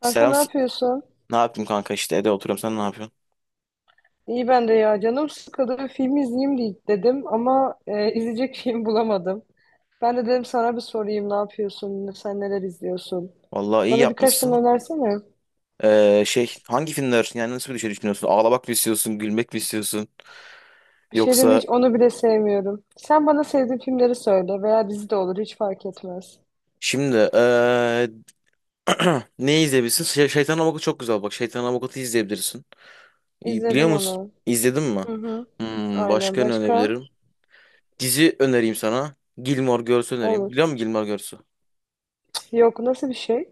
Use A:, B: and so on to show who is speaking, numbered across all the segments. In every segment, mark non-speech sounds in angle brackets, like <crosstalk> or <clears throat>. A: Kanka
B: Selam.
A: ne yapıyorsun?
B: Ne yaptım, kanka, işte evde oturuyorum, sen ne yapıyorsun?
A: İyi ben de ya. Canım sıkıldı. Bir film izleyeyim diye dedim ama izleyecek <laughs> film bulamadım. Ben de dedim sana bir sorayım, ne yapıyorsun? Sen neler izliyorsun?
B: Vallahi iyi
A: Bana birkaç tane
B: yapmışsın.
A: önersene.
B: Şey hangi filmler, yani nasıl bir şey düşünüyorsun? Ağlamak mı istiyorsun? Gülmek mi istiyorsun?
A: Bir şey diyeyim mi,
B: Yoksa
A: hiç onu bile sevmiyorum. Sen bana sevdiğin filmleri söyle, veya dizi de olur, hiç fark etmez.
B: şimdi <clears throat> ne izleyebilirsin? Şey, Şeytan Avukatı çok güzel bak. Şeytan Avukatı izleyebilirsin. İyi, biliyor
A: İzledim
B: musun?
A: onu.
B: İzledin mi?
A: Hı hı. Aynen,
B: Başka ne
A: başka?
B: önebilirim? Dizi önereyim sana. Gilmore Girls önereyim.
A: Olur.
B: Biliyor musun Gilmore Girls?
A: Yok, nasıl bir şey?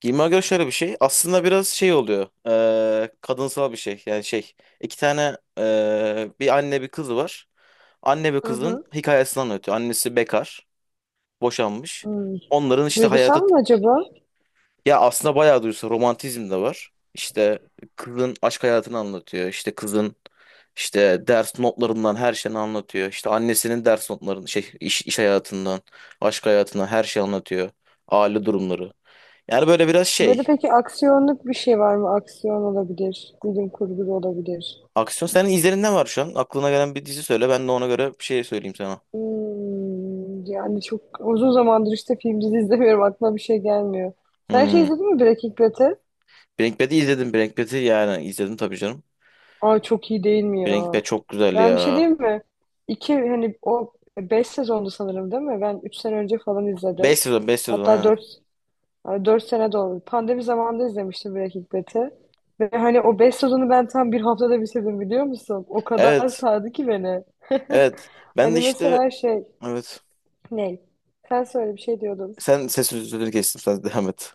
B: Giyime göre şöyle bir şey. Aslında biraz şey oluyor. Kadınsal bir şey. Yani şey. İki tane bir anne bir kızı var. Anne ve
A: Hı
B: kızın
A: hı.
B: hikayesini anlatıyor. Annesi bekar. Boşanmış.
A: Hmm.
B: Onların işte
A: Duygusal
B: hayatı.
A: mı acaba?
B: Ya aslında bayağı duysa romantizm de var. İşte kızın aşk hayatını anlatıyor. İşte kızın işte ders notlarından her şeyini anlatıyor. İşte annesinin ders notlarını şey iş, iş hayatından, aşk hayatından her şeyi anlatıyor. Aile durumları. Yani böyle biraz
A: Böyle
B: şey.
A: peki, aksiyonluk bir şey var mı? Aksiyon olabilir, bilim kurgu da olabilir.
B: Aksiyon senin izlerinden var şu an. Aklına gelen bir dizi söyle. Ben de ona göre bir şey söyleyeyim sana.
A: Hmm, yani çok uzun zamandır işte film dizi izlemiyorum. Aklıma bir şey gelmiyor. Sen şey
B: Hmm.
A: izledin mi, Breaking Bad'i?
B: Breaking Bad'i izledim. Breaking Bad'i yani izledim tabii canım.
A: Aa, çok iyi değil mi
B: Breaking Bad
A: ya?
B: çok güzel
A: Ben bir şey
B: ya.
A: diyeyim mi? İki, hani o 5 sezondu sanırım, değil mi? Ben 3 sene önce falan izledim.
B: 5 sezon, 5 sezon
A: Hatta
B: ha.
A: dört, yani 4 sene de oldu. Pandemi zamanında izlemiştim Breaking Bad'i. Ve hani o 5 sezonu ben tam 1 haftada bitirdim, biliyor musun? O kadar
B: Evet.
A: sardı ki beni. <laughs>
B: Evet. Ben
A: Hani
B: de işte
A: mesela şey,
B: evet.
A: ne? Sen söyle, bir şey diyordun.
B: Sen ses sözünü kestim. Sen devam et.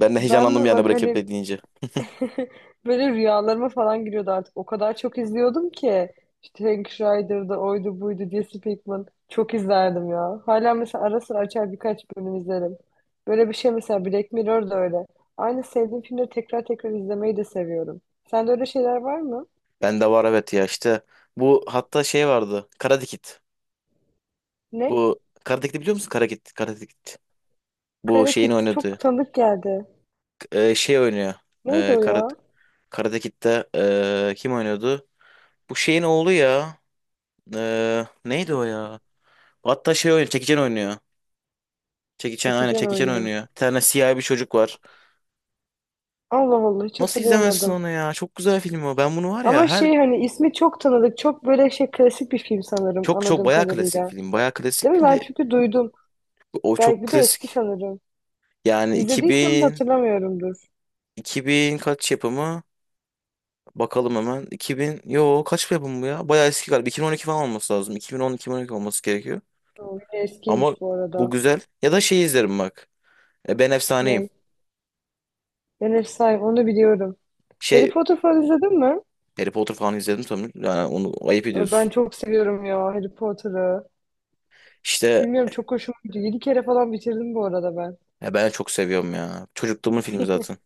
B: Ben de
A: Ben
B: heyecanlandım
A: mi
B: yani
A: bak
B: Breaking
A: hani
B: Bad deyince.
A: <laughs> böyle rüyalarıma falan giriyordu artık. O kadar çok izliyordum ki. İşte Hank Schrader'da oydu buydu diye Pinkman. Çok izlerdim ya. Hala mesela ara sıra açar birkaç bölüm izlerim. Böyle bir şey mesela, Black Mirror da öyle. Aynı sevdiğim filmleri tekrar tekrar izlemeyi de seviyorum. Sende öyle şeyler var mı?
B: Ben de var evet ya işte. Bu hatta şey vardı. Karate Kid.
A: Ne?
B: Bu Karate Kid'i biliyor musun? Karate Kid. Karate Kid. Bu
A: Kara
B: şeyin
A: Kit çok
B: oynadığı.
A: tanıdık geldi.
B: Şey oynuyor.
A: Neydi
B: E,
A: o
B: Karate
A: ya?
B: Karate Kid'de kim oynuyordu? Bu şeyin oğlu ya. Neydi o ya? Hatta şey oynuyor. Jackie Chan oynuyor. Jackie Chan,
A: Jackie
B: aynen,
A: Chan
B: Jackie Chan
A: oynuyor.
B: oynuyor. Bir tane siyah bir çocuk var.
A: Allah Allah, hiç
B: Nasıl izlemezsin
A: hatırlayamadım.
B: onu ya? Çok güzel film o. Ben bunu var ya
A: Ama
B: her
A: şey, hani ismi çok tanıdık. Çok böyle şey klasik bir film sanırım,
B: çok çok
A: anladığım
B: bayağı klasik
A: kadarıyla.
B: film. Bayağı
A: Değil
B: klasik
A: mi?
B: film
A: Ben
B: de
A: çünkü duydum.
B: o çok
A: Belki de eski
B: klasik.
A: sanırım.
B: Yani
A: İzlediysem de hatırlamıyorumdur.
B: iki bin kaç yapımı? Bakalım hemen. İki bin yo Kaç yapımı bu ya? Bayağı eski galiba. 2012 falan olması lazım. 2010-2012 olması gerekiyor.
A: O yine
B: Ama
A: eskiymiş bu
B: bu
A: arada.
B: güzel. Ya da şey izlerim bak. Ben Efsaneyim.
A: Ney? Ben Efsane, onu biliyorum. Harry
B: Şey,
A: Potter falan izledin mi?
B: Harry Potter falan izledim tabii. Yani onu ayıp
A: Ay, ben
B: ediyorsun.
A: çok seviyorum ya Harry Potter'ı.
B: İşte
A: Bilmiyorum, çok hoşuma gidiyor. 7 kere falan bitirdim bu arada ben.
B: ya ben çok seviyorum ya. Çocukluğumun filmi
A: <laughs>
B: zaten.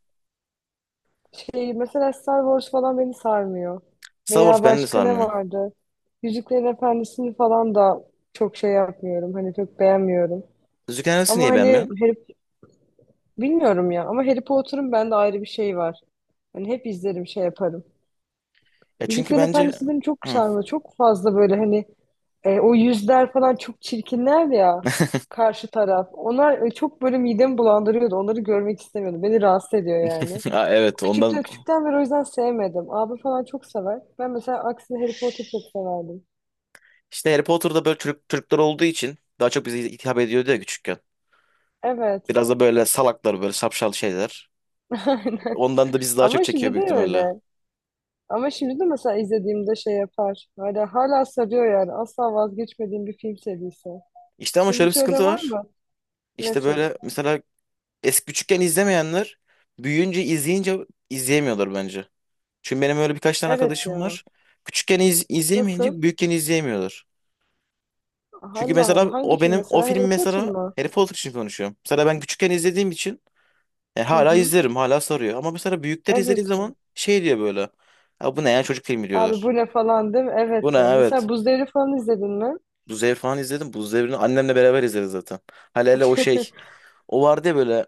A: Şey, mesela Star Wars falan beni sarmıyor.
B: Star Wars
A: Veya
B: beni de
A: başka ne
B: sarmıyor.
A: vardı? Yüzüklerin Efendisi'ni falan da çok şey yapmıyorum. Hani çok beğenmiyorum.
B: Yüzüklerin Efendisi
A: Ama
B: niye
A: hani
B: beğenmiyorsun?
A: Harry, bilmiyorum ya. Ama Harry Potter'ın bende ayrı bir şey var. Hani hep izlerim, şey yaparım.
B: Ya çünkü
A: Yüzüklerin
B: bence.
A: Efendisi beni çok
B: Hı.
A: sarmıyor. Çok fazla böyle hani o yüzler falan çok çirkinler ya, karşı taraf. Onlar çok böyle midemi bulandırıyordu. Onları görmek istemiyordum. Beni rahatsız ediyor yani.
B: <laughs> Ha, evet ondan.
A: Küçükten beri o yüzden sevmedim. Abi falan çok sever. Ben mesela aksine Harry Potter çok severdim.
B: İşte Harry Potter'da böyle Türkler olduğu için daha çok bize hitap ediyordu ya küçükken.
A: Evet.
B: Biraz da böyle salaklar, böyle şapşal şeyler.
A: <laughs> Aynen.
B: Ondan da bizi daha çok
A: Ama
B: çekiyor
A: şimdi de
B: büyük ihtimalle.
A: öyle. Ama şimdi de mesela izlediğimde şey yapar. Hala sarıyor yani. Asla vazgeçmediğim bir film serisi.
B: İşte ama
A: Senin
B: şöyle bir
A: hiç öyle
B: sıkıntı
A: var
B: var.
A: mı?
B: İşte
A: Nasıl?
B: böyle mesela eski küçükken izlemeyenler büyüyünce izleyince izleyemiyorlar bence. Çünkü benim öyle birkaç tane
A: Evet
B: arkadaşım
A: ya.
B: var. Küçükken
A: Nasıl?
B: izleyemeyince büyükken izleyemiyorlar. Çünkü
A: Allah Allah.
B: mesela
A: Hangi
B: o
A: film
B: benim o
A: mesela?
B: film
A: Harry Potter
B: mesela
A: mı?
B: Harry Potter için konuşuyorum. Mesela ben küçükken izlediğim için
A: Hı
B: hala
A: hı.
B: izlerim, hala sarıyor. Ama mesela büyükler izlediği
A: Evet.
B: zaman şey diyor böyle. Ya bu ne ya, çocuk filmi
A: Abi
B: diyorlar.
A: bu ne falan, değil mi?
B: Bu ne,
A: Evet ya.
B: evet.
A: Mesela Buz Devri falan izledin mi?
B: Bu Devri falan izledim. Bu Devri'ni annemle beraber izleriz zaten. Hele hele o şey.
A: <laughs>
B: O vardı ya böyle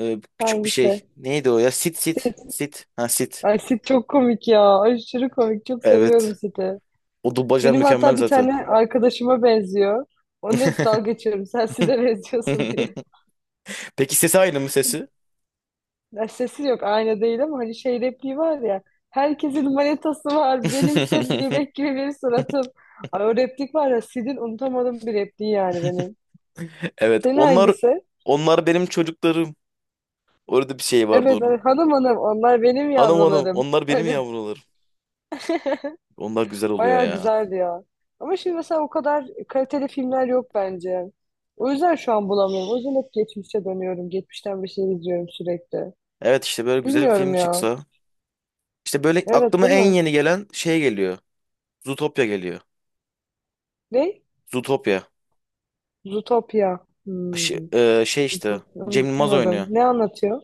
B: küçük bir şey.
A: Hangisi?
B: Neydi o ya? Sit. Ha, sit.
A: Ay, Sid çok komik ya. Aşırı komik. Çok seviyorum
B: Evet.
A: Sid'i.
B: O dublajlar
A: Benim
B: mükemmel
A: hatta bir
B: zaten.
A: tane arkadaşıma benziyor. Onunla hep dalga geçiyorum, sen Sid'e benziyorsun diye.
B: <laughs> Peki sesi aynı mı, sesi?
A: Ya sesi yok, aynı değil, ama hani şey repliği var ya. Herkesin manetası var. Benimse
B: <laughs>
A: bebek gibi bir suratım. Ay, o replik var ya Sid'in, unutamadığım bir repliği yani benim.
B: Evet,
A: Senin
B: onlar
A: hangisi?
B: onlar benim çocuklarım. Orada bir şey vardı
A: Evet, evet,
B: onun.
A: hanım hanım onlar benim
B: Hanım hanım,
A: yavrularım.
B: onlar benim
A: <laughs>
B: yavrularım. Onlar güzel oluyor
A: Bayağı
B: ya.
A: güzeldi ya. Ama şimdi mesela o kadar kaliteli filmler yok bence. O yüzden şu an bulamıyorum. O yüzden hep geçmişe dönüyorum. Geçmişten bir şey izliyorum sürekli.
B: Evet, işte böyle güzel bir film
A: Bilmiyorum ya.
B: çıksa. İşte böyle
A: Evet,
B: aklıma
A: değil
B: en
A: mi?
B: yeni gelen şey geliyor. Zootopia geliyor.
A: Ne?
B: Zootopia.
A: Zootopia.
B: Şey,
A: Hmm.
B: şey işte
A: Zootopia.
B: Cem
A: Onu
B: Yılmaz
A: duymadım.
B: oynuyor.
A: Ne anlatıyor?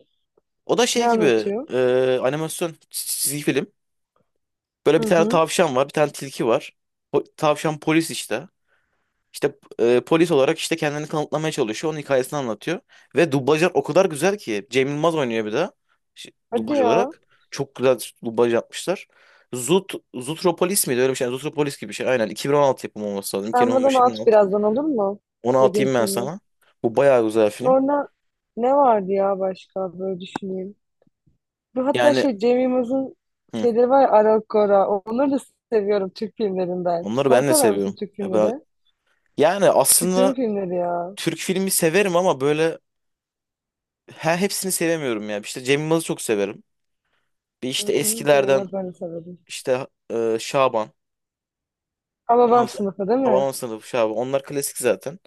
B: O da
A: Ne
B: şey gibi,
A: anlatıyor?
B: animasyon çizgi film. Böyle
A: Hı
B: bir tane
A: hı.
B: tavşan var, bir tane tilki var. Tavşan polis işte. İşte polis olarak işte kendini kanıtlamaya çalışıyor. Onun hikayesini anlatıyor. Ve dublajlar o kadar güzel ki. Cem Yılmaz oynuyor bir de.
A: Hadi
B: Dublaj
A: ya.
B: olarak. Çok güzel dublaj yapmışlar. Zutropolis miydi? Öyle bir şey. Yani Zutropolis gibi bir şey. Aynen. 2016 yapımı olması lazım.
A: Sen bana at
B: 2015-2016.
A: birazdan, olur mu?
B: Onu
A: Dediğim
B: atayım ben
A: filmi.
B: sana. Bu bayağı güzel film.
A: Sonra ne vardı ya başka, böyle düşüneyim. Bu hatta
B: Yani
A: şey Cem Yılmaz'ın
B: hı,
A: şeyleri var ya, Aral Gora. Onları da seviyorum Türk filmlerinden.
B: onları
A: Sen
B: ben de
A: sever misin
B: seviyorum.
A: Türk filmleri?
B: Yani
A: Küçüklüğün
B: aslında
A: filmleri ya.
B: Türk filmi severim ama böyle he, hepsini sevemiyorum ya. İşte Cem Yılmaz'ı çok severim. Bir
A: Hı
B: işte
A: hı, Cem
B: eskilerden
A: Yılmaz ben de severim.
B: işte Şaban.
A: Ama
B: Ondan
A: babam
B: sonra
A: sınıfı, değil mi?
B: Hababam Sınıfı, Şaban, onlar klasik zaten.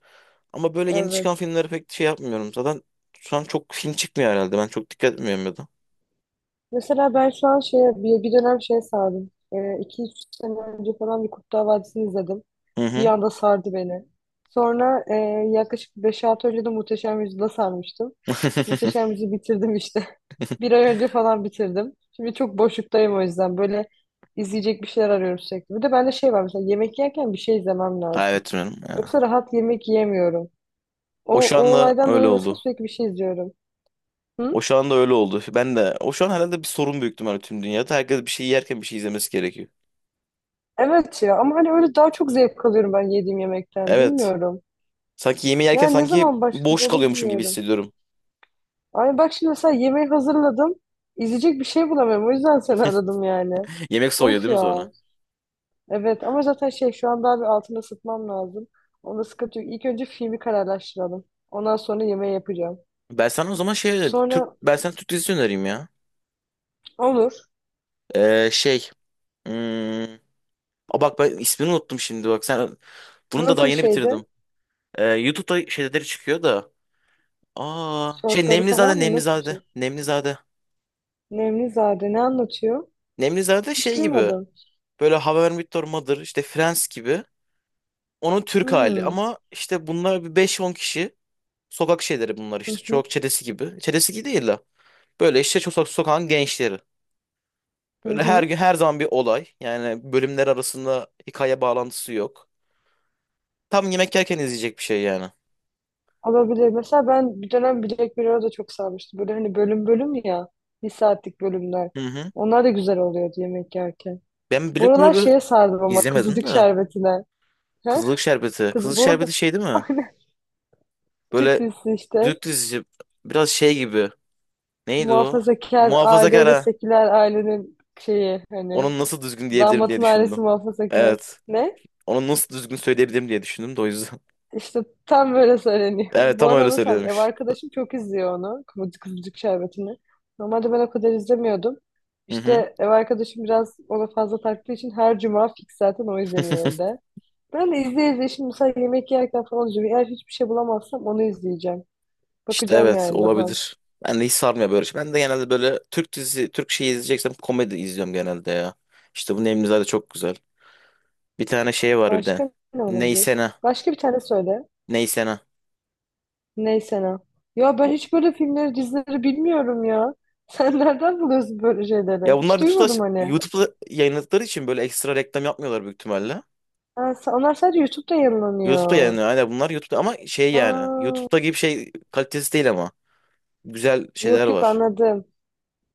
B: Ama böyle yeni çıkan
A: Evet.
B: filmlere pek şey yapmıyorum. Zaten şu an çok film çıkmıyor herhalde. Ben çok dikkat etmiyorum ya da.
A: Mesela ben şu an şeye, bir dönem şeye sardım. 2-3 sene önce falan bir Kurtlar Vadisi'ni izledim.
B: Hı
A: Bir
B: hı.
A: anda sardı beni. Sonra yaklaşık beş 6 önce de Muhteşem Yüzyıl'a sarmıştım.
B: <laughs>
A: Muhteşem Yüzyıl'ı bitirdim işte. Bir ay önce falan bitirdim. Şimdi çok boşluktayım o yüzden. Böyle izleyecek bir şeyler arıyorum sürekli. Bir de bende şey var, mesela yemek yerken bir şey izlemem
B: Ha,
A: lazım.
B: evet canım ya.
A: Yoksa rahat yemek yiyemiyorum. O,
B: O şu
A: o
B: anda
A: olaydan
B: öyle
A: dolayı mesela
B: oldu.
A: sürekli bir şey izliyorum.
B: O
A: Hı?
B: şu anda öyle oldu. Ben de o şu an herhalde bir sorun büyük ihtimalle tüm dünyada. Herkes bir şey yerken bir şey izlemesi gerekiyor.
A: Evet ya, ama hani öyle daha çok zevk alıyorum ben yediğim yemekten.
B: Evet.
A: Bilmiyorum.
B: Sanki yemeği yerken
A: Yani ne
B: sanki
A: zaman başladı
B: boş
A: onu
B: kalıyormuşum gibi
A: bilmiyorum.
B: hissediyorum.
A: Ay bak şimdi mesela yemeği hazırladım. İzleyecek bir şey bulamıyorum. O yüzden seni aradım yani.
B: <laughs> Yemek soğuyor
A: Of
B: değil mi sonra?
A: ya. Evet, ama zaten şey şu an daha bir altını ısıtmam lazım. Onda sıkıntı yok. İlk önce filmi kararlaştıralım. Ondan sonra yemeği yapacağım.
B: Ben sana o zaman şey Türk
A: Sonra,
B: ben sana Türk dizisi önereyim ya.
A: olur.
B: Şey, hmm, Aa, bak, ben ismini unuttum şimdi, bak sen. Bunu da
A: Nasıl
B: daha
A: bir
B: yeni
A: şeydi?
B: bitirdim. YouTube'da şeyleri çıkıyor da. Aa, şey,
A: Şortları falan
B: Nemlizade,
A: mı? Nasıl bir
B: Nemlizade,
A: şey?
B: Nemlizade.
A: Nemlizade ne anlatıyor?
B: Nemlizade
A: Hiç
B: şey gibi.
A: duymadım.
B: Böyle How I Met Your Mother, işte Friends gibi. Onun Türk hali
A: Hmm.
B: ama işte bunlar bir beş on kişi. Sokak şeyleri bunlar
A: Hı
B: işte.
A: hı.
B: Çok çetesi gibi. Çetesi gibi değil de. Böyle işte çok sokağın gençleri.
A: Hı
B: Böyle her
A: hı.
B: gün her zaman bir olay. Yani bölümler arasında hikaye bağlantısı yok. Tam yemek yerken izleyecek bir şey yani.
A: Olabilir. Mesela ben bir dönem Black Mirror'a da çok sarmıştım. Böyle hani bölüm bölüm ya. Bir saatlik bölümler.
B: Hı hı.
A: Onlar da güzel oluyordu yemek yerken.
B: Ben Black
A: Buralar
B: Mirror'ı
A: şeye sardım ama,
B: izlemedim
A: kızılcık
B: de.
A: şerbetine. He?
B: Kızılık şerbeti.
A: Kız,
B: Kızılık
A: bu arada
B: şerbeti şey değil mi?
A: <laughs> Türk
B: Böyle
A: işte
B: Türk dizisi, biraz şey gibi. Neydi o?
A: muhafazakar aileyle
B: Muhafazakar.
A: seküler ailenin şeyi hani,
B: Onun nasıl düzgün diyebilirim diye
A: damatın ailesi
B: düşündüm.
A: muhafazakar.
B: Evet.
A: Ne?
B: Onu nasıl düzgün söyleyebilirim diye düşündüm de o yüzden. <laughs>
A: İşte tam böyle söyleniyor.
B: Evet,
A: <laughs> Bu
B: tam
A: ara
B: öyle
A: onu sen, ev
B: söylüyormuş.
A: arkadaşım çok izliyor onu. Kıvırcık Kıvırcık Şerbeti'ni. Normalde ben o kadar izlemiyordum.
B: Hı hı.
A: İşte ev arkadaşım biraz ona fazla taktığı için her cuma fix zaten o izleniyor
B: <laughs>
A: evde. Ben de izleye izleye şimdi mesela yemek yerken falan izliyorum. Eğer hiçbir şey bulamazsam onu izleyeceğim.
B: İşte
A: Bakacağım
B: evet,
A: yani daha.
B: olabilir. Ben de hiç sarmıyor böyle. Şey. Ben de genelde böyle Türk dizisi, Türk şeyi izleyeceksem komedi izliyorum genelde ya. İşte bu Nemlizade çok güzel. Bir tane şey var bir de.
A: Başka ne olabilir?
B: Neysene.
A: Başka bir tane söyle.
B: Neysene.
A: Neyse ne. Ya ben hiç böyle filmleri, dizileri bilmiyorum ya. Sen <laughs> nereden buluyorsun böyle
B: Ya
A: şeyleri?
B: bunlar
A: Hiç
B: YouTube'da,
A: duymadım hani.
B: Yayınladıkları için böyle ekstra reklam yapmıyorlar büyük ihtimalle.
A: Ha, onlar sadece YouTube'da
B: YouTube'da
A: yayınlanıyor.
B: yayınlıyor. Aynen bunlar YouTube'da ama şey yani.
A: Aa,
B: YouTube'da gibi şey kalitesi değil ama. Güzel şeyler
A: yok yok,
B: var.
A: anladım.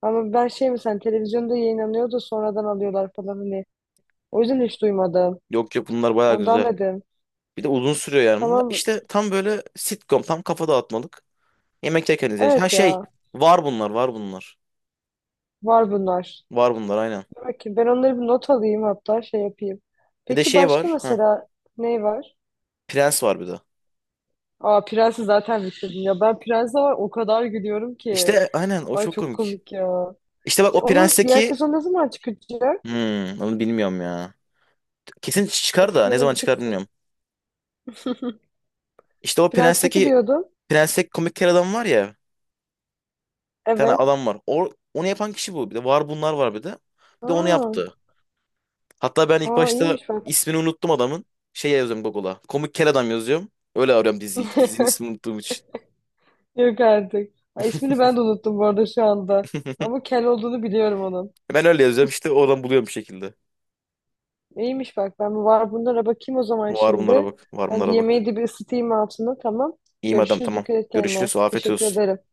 A: Ama ben şey mi, sen televizyonda yayınlanıyor da sonradan alıyorlar falan hani. O yüzden hiç duymadım.
B: Yok yok, bunlar bayağı
A: Ondan
B: güzel.
A: dedim.
B: Bir de uzun sürüyor yani bunlar.
A: Tamam.
B: İşte tam böyle sitcom, tam kafa dağıtmalık. Yemek yerken izlenecek. Ha
A: Evet
B: şey,
A: ya.
B: var bunlar.
A: Var bunlar.
B: Var bunlar aynen.
A: Dur bakayım. Ben onları bir not alayım, hatta şey yapayım.
B: Bir de
A: Peki
B: şey
A: başka
B: var. Ha,
A: mesela ne var?
B: Prens var bir de.
A: Aa, Prens'i zaten bitirdim ya. Ben Prens'e var, o kadar gülüyorum ki.
B: İşte aynen, o
A: Ay
B: çok
A: çok
B: komik.
A: komik ya.
B: İşte bak,
A: İşte
B: o
A: onun diğer
B: Prens'teki.
A: sezon ne zaman çıkacak?
B: Hmm, Onu bilmiyorum ya. Kesin çıkar
A: Of
B: da
A: ya, da
B: ne
A: bir an
B: zaman
A: önce
B: çıkar
A: çıksın.
B: bilmiyorum. İşte o
A: Prens'teki
B: Prens'teki
A: diyordum.
B: Prens'teki komik kel adam var ya. Bir tane
A: Evet.
B: adam var. O, onu yapan kişi bu. Bir de var bunlar var bir de. Bir de onu
A: Aa,
B: yaptı. Hatta ben ilk
A: aa
B: başta
A: iyiymiş bak.
B: ismini unuttum adamın. Şey yazıyorum Google'a. Komik kel adam yazıyorum. Öyle arıyorum diziyi. Dizinin ismini
A: <laughs>
B: unuttuğum için.
A: Yok artık. Ha, ismini ben de unuttum bu arada şu anda.
B: <laughs>
A: Ama kel olduğunu biliyorum onun.
B: Ben öyle yazıyorum işte, oradan buluyorum bir şekilde.
A: İyiymiş bak, ben var bunlara bakayım o zaman
B: Var bunlara
A: şimdi.
B: bak. Var
A: Ben de
B: bunlara bak.
A: yemeği de bir ısıtayım altına, tamam.
B: İyiyim adam,
A: Görüşürüz,
B: tamam.
A: dikkat et kendine.
B: Görüşürüz. Afiyet
A: Teşekkür
B: olsun.
A: ederim.